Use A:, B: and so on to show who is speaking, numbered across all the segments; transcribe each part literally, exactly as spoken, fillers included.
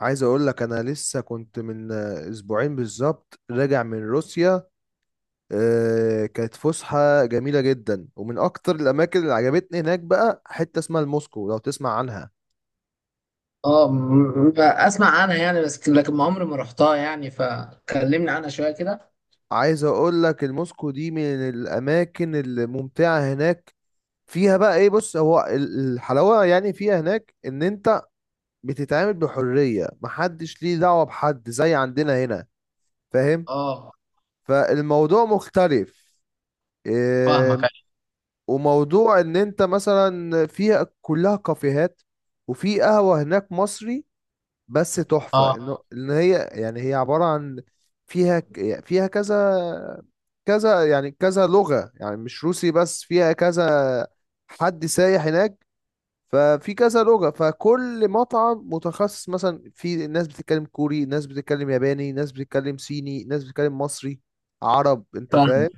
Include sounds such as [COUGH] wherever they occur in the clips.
A: عايز اقول لك انا لسه كنت من آه، اسبوعين بالظبط راجع من روسيا. آه، كانت فسحة جميلة جدا، ومن اكتر الاماكن اللي عجبتني هناك بقى حتة اسمها الموسكو، لو تسمع عنها.
B: اه م- م- اسمع عنها يعني، بس لكن ما عمري ما رحتها، يعني فكلمني عنها شويه كده.
A: عايز اقول لك الموسكو دي من الاماكن الممتعة هناك. فيها بقى ايه؟ بص، هو ال- الحلاوة يعني فيها هناك ان انت بتتعامل بحرية، محدش ليه دعوة بحد زي عندنا هنا. فاهم؟
B: اه،
A: فالموضوع مختلف.
B: فاهمك،
A: إيه،
B: أيوة.
A: وموضوع ان انت مثلا فيها كلها كافيهات، وفي قهوة هناك مصري، بس تحفة،
B: اه،
A: انه اه ان هي يعني هي عبارة عن فيها ك- فيها كذا كذا يعني كذا لغة، يعني مش روسي بس، فيها كذا حد سايح هناك. ففي كذا لغة، فكل مطعم متخصص، مثلا في ناس بتتكلم كوري، ناس بتتكلم ياباني، ناس بتتكلم صيني، ناس بتتكلم مصري عرب. انت
B: فاهم،
A: فاهم؟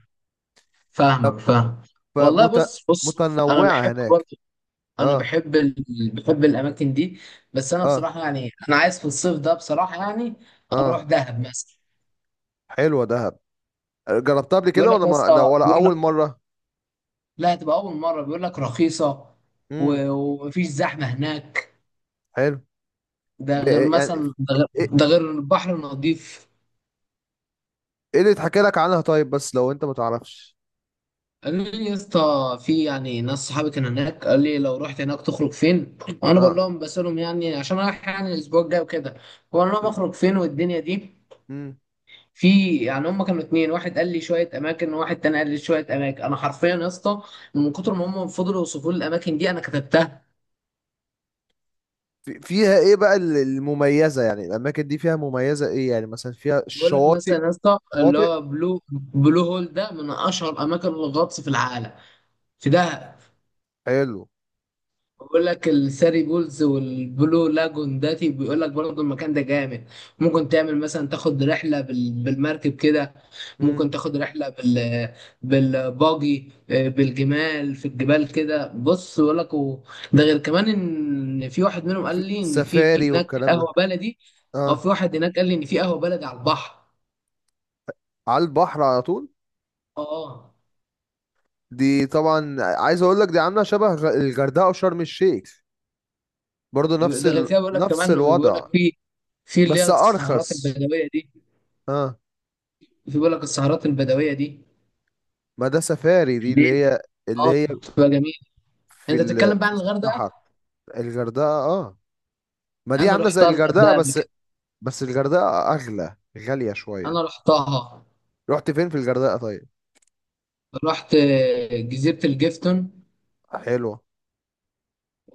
A: اه،
B: فاهمك، فاهم. والله، بص بص. انا
A: فمتنوعة
B: بحب
A: هناك.
B: برضه. انا
A: اه،
B: بحب ال... بحب الاماكن دي. بس انا
A: اه،
B: بصراحه يعني، انا عايز في الصيف ده، بصراحه يعني اروح
A: اه،
B: دهب مثلا.
A: حلوة دهب. جربتها قبل
B: بيقول
A: كده
B: لك
A: ولا
B: يا
A: ما لا
B: اسطى،
A: ولا
B: بيقول لك
A: أول مرة؟
B: لا، هتبقى اول مره، بيقول لك رخيصه
A: امم.
B: و... ومفيش زحمه هناك.
A: حلو.
B: ده
A: ب...
B: غير
A: يعني
B: مثلا ده غير,
A: ايه؟
B: ده غير البحر نظيف.
A: إيه اللي اتحكى لك عنها طيب، بس لو انت ما تعرفش.
B: قال لي يا اسطى، في يعني ناس صحابي كان هناك، قال لي لو رحت هناك تخرج فين، وانا بقول
A: اه.
B: لهم، بسألهم يعني عشان رايح يعني الاسبوع الجاي وكده. بقول لهم
A: حلو.
B: اخرج فين والدنيا دي.
A: امم.
B: في يعني هم كانوا اتنين، واحد قال لي شويه اماكن، وواحد تاني قال لي شويه اماكن. انا حرفيا يا اسطى، من كتر ما هم فضلوا يوصفوا لي الاماكن دي، انا كتبتها.
A: في- فيها ايه بقى ال- المميزة، يعني الأماكن دي فيها مميزة ايه؟ يعني مثلا فيها
B: بقول لك
A: الشواطئ؟
B: مثلا يا اسطى، اللي
A: شواطئ.
B: هو بلو بلو هول، ده من اشهر اماكن الغطس في العالم، في دهب.
A: حلو.
B: بقول لك الثري بولز والبلو لاجون، داتي بيقول لك برضه المكان ده جامد. ممكن تعمل مثلا، تاخد رحله بال- بالمركب كده، ممكن
A: امم.
B: تاخد رحله بال بالباجي، آه، بالجمال في الجبال كده. بص بقول لك و- ده غير كمان ان في واحد منهم قال
A: وفي
B: لي ان في
A: سفاري
B: هناك
A: والكلام ده.
B: قهوه بلدي، او
A: اه،
B: في واحد هناك قال لي ان في قهوه بلدي على البحر.
A: على البحر على طول.
B: اه.
A: دي طبعا عايز اقول لك دي عاملة شبه غ- الغردقة وشرم الشيخ، برضو نفس
B: ده غير
A: ال...
B: كده بيقول لك
A: نفس
B: كمان، وبيقول
A: الوضع،
B: لك في في اللي هي
A: بس
B: السهرات
A: ارخص.
B: البدويه دي.
A: اه،
B: في بيقول لك السهرات البدويه دي،
A: ما ده سفاري، دي اللي هي اللي
B: اه
A: هي
B: بتبقى جميل.
A: في
B: انت بتتكلم
A: ال...
B: بقى
A: في
B: عن الغردقه.
A: الصحراء. الغردقه اه، ما دي
B: انا
A: عامله زي
B: رحتها
A: الغردقه،
B: الغردقه قبل
A: بس
B: كده.
A: بس الغردقه اغلى، غاليه شويه.
B: انا رحتها،
A: رحت فين في الغردقه طيب؟
B: رحت آه، جزيره الجيفتون.
A: حلوه.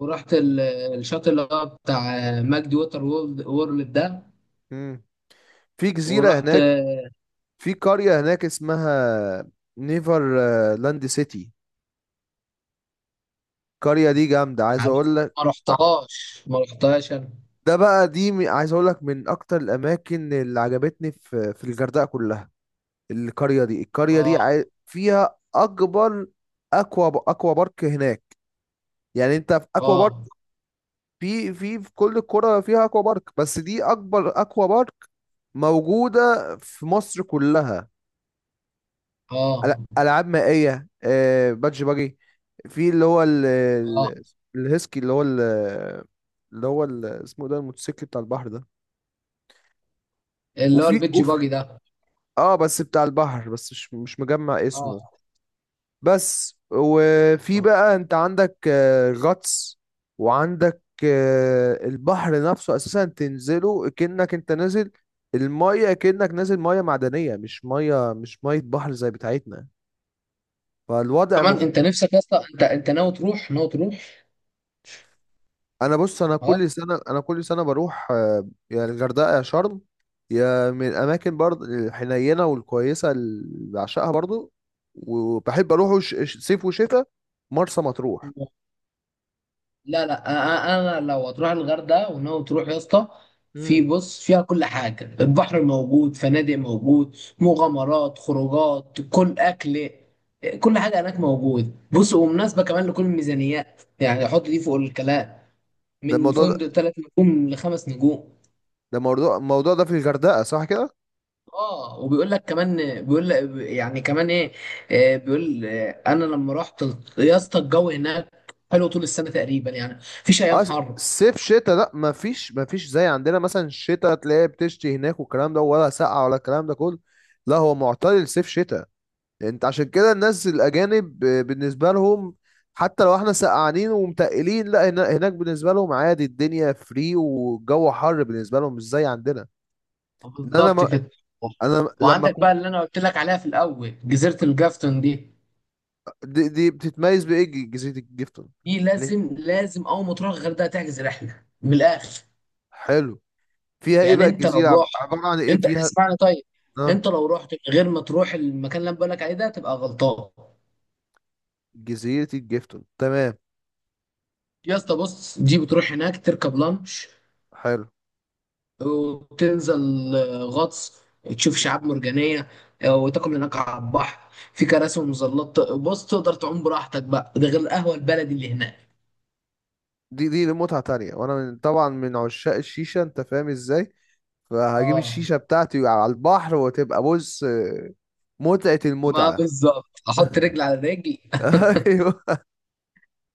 B: ورحت ال- الشاطئ اللي هو بتاع ماجد ووتر وورلد وورلد ده.
A: امم. في جزيره
B: ورحت
A: هناك.
B: آه،
A: في قريه هناك اسمها نيفر آه، لاند سيتي. القريه دي جامده
B: مش
A: عايز
B: عارف،
A: اقول لك.
B: ما
A: ع-
B: رحتهاش ما رحتهاش انا.
A: ده بقى دي م- عايز اقول لك من اكتر الاماكن اللي عجبتني في في الغردقه كلها. القرية دي القرية دي
B: اه،
A: عاي- فيها أكبر أكوا أكوا بارك هناك. يعني أنت في أكوا بارك،
B: اه،
A: في في في كل القرى فيها أكوا بارك، بس دي أكبر أكوا بارك موجودة في مصر كلها. أل-
B: اه.
A: ألعاب مائية، آه، بادج باجي، في اللي هو ال-
B: اه،
A: ال- الهيسكي، اللي هو ال- اللي هو ال- اسمه ده، الموتوسيكل بتاع البحر ده.
B: اللي هو
A: وفي
B: البيتش
A: أوف.
B: باجي ده.
A: اه، بس بتاع البحر بس، مش مش مجمع
B: اه،
A: اسمه. بس وفي بقى انت عندك آه، غطس، وعندك آه، البحر نفسه اساسا تنزله كأنك انت نازل المية، كأنك نازل مية معدنية مش مية، مش مية بحر زي بتاعتنا. فالوضع
B: كمان
A: مخ...
B: انت نفسك يا اسطى، انت انت ناوي تروح، ناوي تروح.
A: انا بص انا
B: اه،
A: كل سنة، انا كل سنة بروح آه، يا الغردقة يا شرم، يا من الاماكن برضه الحنينة والكويسة اللي بعشقها برضه. وبحب اروح ش... ش- صيف وشتاء، مرسى مطروح.
B: لا، لا، انا، أنا لو هتروح الغردقه وناوي تروح يا اسطى، في
A: مم.
B: بص فيها كل حاجه، البحر موجود، فنادق موجود، مغامرات، خروجات، كل اكل، كل حاجه هناك موجود. بص، ومناسبه كمان لكل الميزانيات يعني، حط دي فوق الكلام.
A: ده
B: من
A: الموضوع ده،
B: فندق ثلاث نجوم لخمس نجوم.
A: ده موضوع، الموضوع ده في الغردقة صح كده؟
B: اه، وبيقول لك كمان، بيقول لك يعني كمان ايه، آه، بيقول آه، انا لما رحت يا اسطى، الجو هناك حلو طول السنه تقريبا، يعني مفيش ايام
A: اه، س-
B: حر.
A: صيف شتاء لا مفيش، مفيش زي عندنا مثلا الشتاء تلاقي بتشتي هناك والكلام ده، ولا سقعة ولا الكلام ده كله. لا هو معتدل صيف شتاء. انت عشان كده الناس الأجانب ب- بالنسبة لهم، حتى لو احنا سقعانين ومتقلين، لا هنا- هناك بالنسبة لهم عادي، الدنيا فري والجو حر بالنسبة لهم، مش زي عندنا. ان انا
B: بالظبط
A: ما،
B: كده.
A: انا لما
B: وعندك بقى
A: كنت.
B: اللي انا قلت لك عليها في الاول، جزيره الجافتون دي،
A: دي، دي بتتميز بايه جزيرة الجيفتون؟
B: دي
A: يعني.
B: لازم لازم اول ما تروح الغردقه تحجز رحله من الاخر.
A: حلو. فيها ايه
B: يعني
A: بقى
B: انت لو
A: الجزيرة، عب-
B: رحت،
A: عبارة عن ايه
B: انت
A: فيها؟
B: اسمعني طيب،
A: اه،
B: انت لو رحت من غير ما تروح المكان اللي انا بقول لك عليه ده، تبقى غلطان.
A: جزيرة الجيفتون. تمام.
B: يا اسطى بص، دي بتروح هناك تركب لانش،
A: حلو.
B: وتنزل آه، غطس، تشوف شعاب مرجانيه، آه، وتاكل هناك على البحر، في كراسي ومظلات. بص، تقدر تعوم براحتك بقى، ده غير القهوه البلدي اللي هناك.
A: دي دي متعة تانية، وانا من طبعا من عشاق الشيشة، انت فاهم ازاي. فهجيب
B: اه،
A: الشيشة بتاعتي على البحر، وتبقى بص، متعة
B: ما
A: المتعة.
B: بالظبط، احط رجل على رجل [LAUGHS]
A: [LAUGHS] ايوه.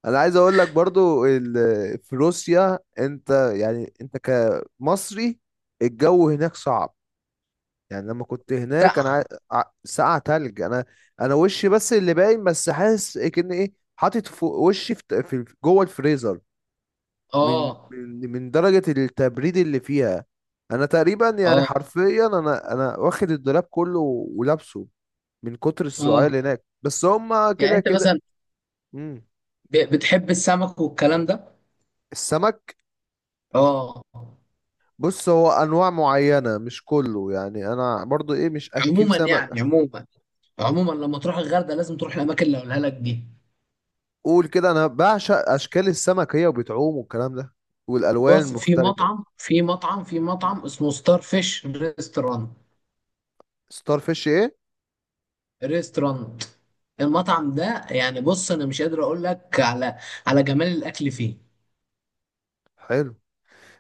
A: انا عايز اقول لك برضو ال- في روسيا انت، يعني انت كمصري، الجو هناك صعب. يعني لما كنت هناك انا،
B: سقع.
A: ع- ع- ساقعة تلج. انا انا وشي بس اللي باين، بس حاسس كأن ايه حاطط فوق وشي في في- جوه الفريزر، من
B: اه،
A: من من درجة التبريد اللي فيها. انا تقريبا يعني
B: اه،
A: حرفيا انا انا واخد الدولاب كله ولابسه، من كتر السؤال
B: اه.
A: هناك، بس هما
B: يعني
A: كده
B: انت
A: كده.
B: مثلا
A: مم.
B: ب- بتحب السمك والكلام ده.
A: السمك؟
B: اه،
A: بص، هو انواع معينة مش كله، يعني انا برضو ايه مش اكيل
B: عموما يعني،
A: سمك.
B: عموما، عموما لما تروح الغردقه لازم تروح الاماكن اللي هقولها لك دي.
A: قول كده، انا بعشق اشكال السمك هي وبتعوم والكلام ده، والالوان
B: بص، في
A: المختلفة.
B: مطعم في مطعم في
A: مم.
B: مطعم اسمه ستار فيش ريستورانت.
A: ستار فيش ايه؟
B: ريستورانت المطعم ده يعني، بص انا مش قادر اقول لك على على جمال الاكل فيه.
A: حلو.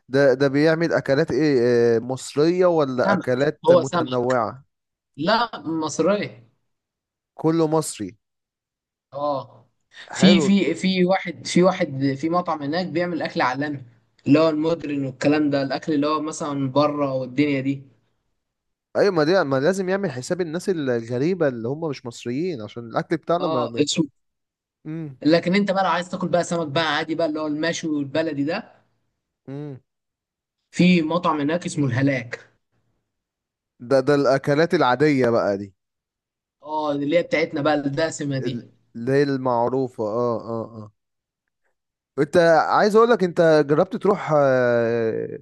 A: ده ده بيعمل اكلات ايه؟ آه، مصرية ولا
B: سمك،
A: اكلات
B: هو سمك،
A: متنوعة؟
B: لا مصرية.
A: كله مصري.
B: اه، في
A: حلو.
B: في في واحد في واحد في مطعم هناك بيعمل اكل عالمي، اللي هو المودرن والكلام ده، الاكل اللي هو مثلا بره والدنيا دي.
A: ايوه، ما دي ما لازم يعمل حساب الناس الغريبه اللي هم مش مصريين، عشان الاكل بتاعنا ما
B: اه،
A: ما-.
B: اسمه.
A: امم.
B: لكن انت بقى لو عايز تاكل بقى سمك بقى عادي بقى، اللي هو المشوي والبلدي ده،
A: امم.
B: في مطعم هناك اسمه الهلاك.
A: ده ده الاكلات العاديه بقى دي؟
B: اه، اللي هي بتاعتنا بقى الدسمه
A: ال-
B: دي.
A: اللي هي المعروفه، اه اه اه. انت عايز اقول لك انت جربت تروح آه،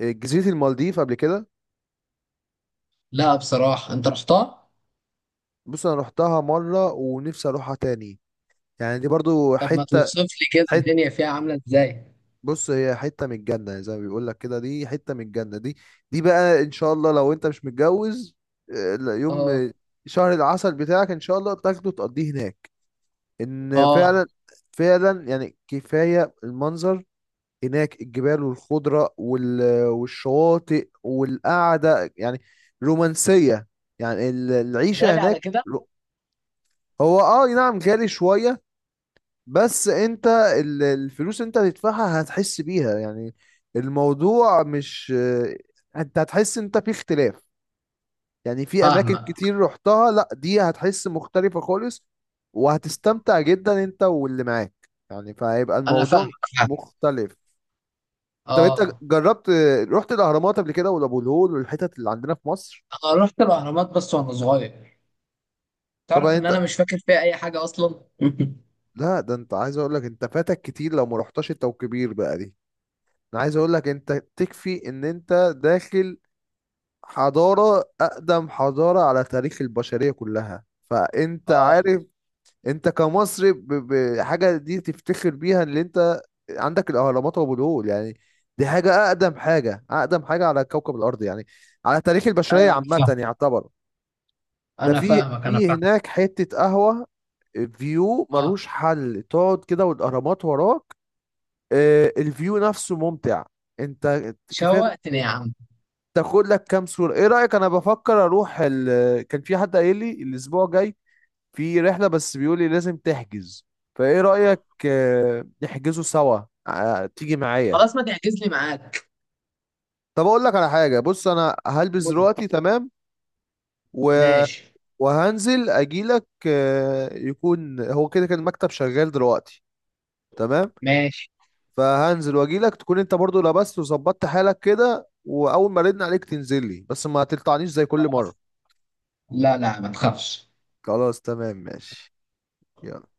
A: جزيره المالديف قبل كده؟
B: لا بصراحه، انت رحتها؟
A: بص انا رحتها مره ونفسي اروحها تاني. يعني دي برضو
B: طب ما
A: حته،
B: توصف لي كده
A: حته،
B: الدنيا فيها عامله ازاي.
A: بص هي حتة من الجنة، زي ما بيقول لك كده، دي حتة من الجنة دي. دي بقى ان شاء الله لو انت مش متجوز، آه، لا، يوم
B: اه،
A: آه، شهر العسل بتاعك ان شاء الله تاخده تقضيه هناك. ان
B: اه،
A: فعلا، فعلا يعني كفاية المنظر هناك، الجبال والخضرة وال- والشواطئ والقعدة، يعني رومانسية. يعني ال- العيشة
B: غالي على
A: هناك
B: كده.
A: رو- هو اه نعم غالي شوية، بس انت ال- الفلوس انت هتدفعها هتحس بيها يعني، الموضوع مش اه، انت هتحس انت في اختلاف. يعني في اماكن
B: فاهمه.
A: كتير رحتها، لا دي هتحس مختلفة خالص. وهتستمتع جدا انت واللي معاك، يعني فهيبقى
B: انا فاهمك،
A: الموضوع
B: فاهمك
A: مختلف. طب انت
B: اه.
A: جربت، رحت الاهرامات قبل كده ولا ابو الهول والحتت اللي عندنا في مصر؟
B: انا رحت الاهرامات بس وانا صغير. تعرف
A: طبعا
B: ان
A: انت،
B: انا مش فاكر فيها اي حاجه اصلا [LAUGHS]
A: لا ده انت عايز اقول لك انت فاتك كتير لو ما رحتش انت وكبير بقى دي. انا عايز اقول لك انت تكفي ان انت داخل حضارة، أقدم حضارة على تاريخ البشرية كلها. فأنت
B: اه،
A: عارف، أنت كمصري ب- بحاجة دي تفتخر بيها، اللي أنت عندك الأهرامات وأبو الهول، يعني دي حاجة أقدم حاجة، أقدم حاجة على كوكب الأرض، يعني على تاريخ البشرية
B: ايوه انا
A: عامة
B: فاهم،
A: يعتبر. ده
B: انا
A: في
B: فاهمك، انا
A: في
B: فاهم.
A: هناك حتة قهوة فيو
B: اه،
A: ملوش حل، تقعد كده والأهرامات وراك. آه، الفيو نفسه ممتع، أنت كفاية
B: شوقتني يا عم.
A: تاخد لك كام صورة. ايه رأيك؟ انا بفكر اروح ال... كان في حد قايل لي الاسبوع جاي في رحلة، بس بيقول لي لازم تحجز. فايه رأيك آه، نحجزه سوا، آه، تيجي معايا؟
B: خلاص، ما تحجز لي معاك.
A: طب اقول لك على حاجة، بص انا هلبس
B: قول.
A: دلوقتي تمام، و...
B: ماشي.
A: وهنزل اجيلك، آه، يكون هو كده كان المكتب شغال دلوقتي. تمام.
B: ماشي،
A: فهنزل واجيلك، تكون انت برضو لبست وظبطت حالك كده، واول ما ردنا عليك تنزل لي، بس ما تقطعنيش زي كل
B: خلاص.
A: مرة.
B: لا، لا، ما تخافش.
A: خلاص تمام ماشي. يلا.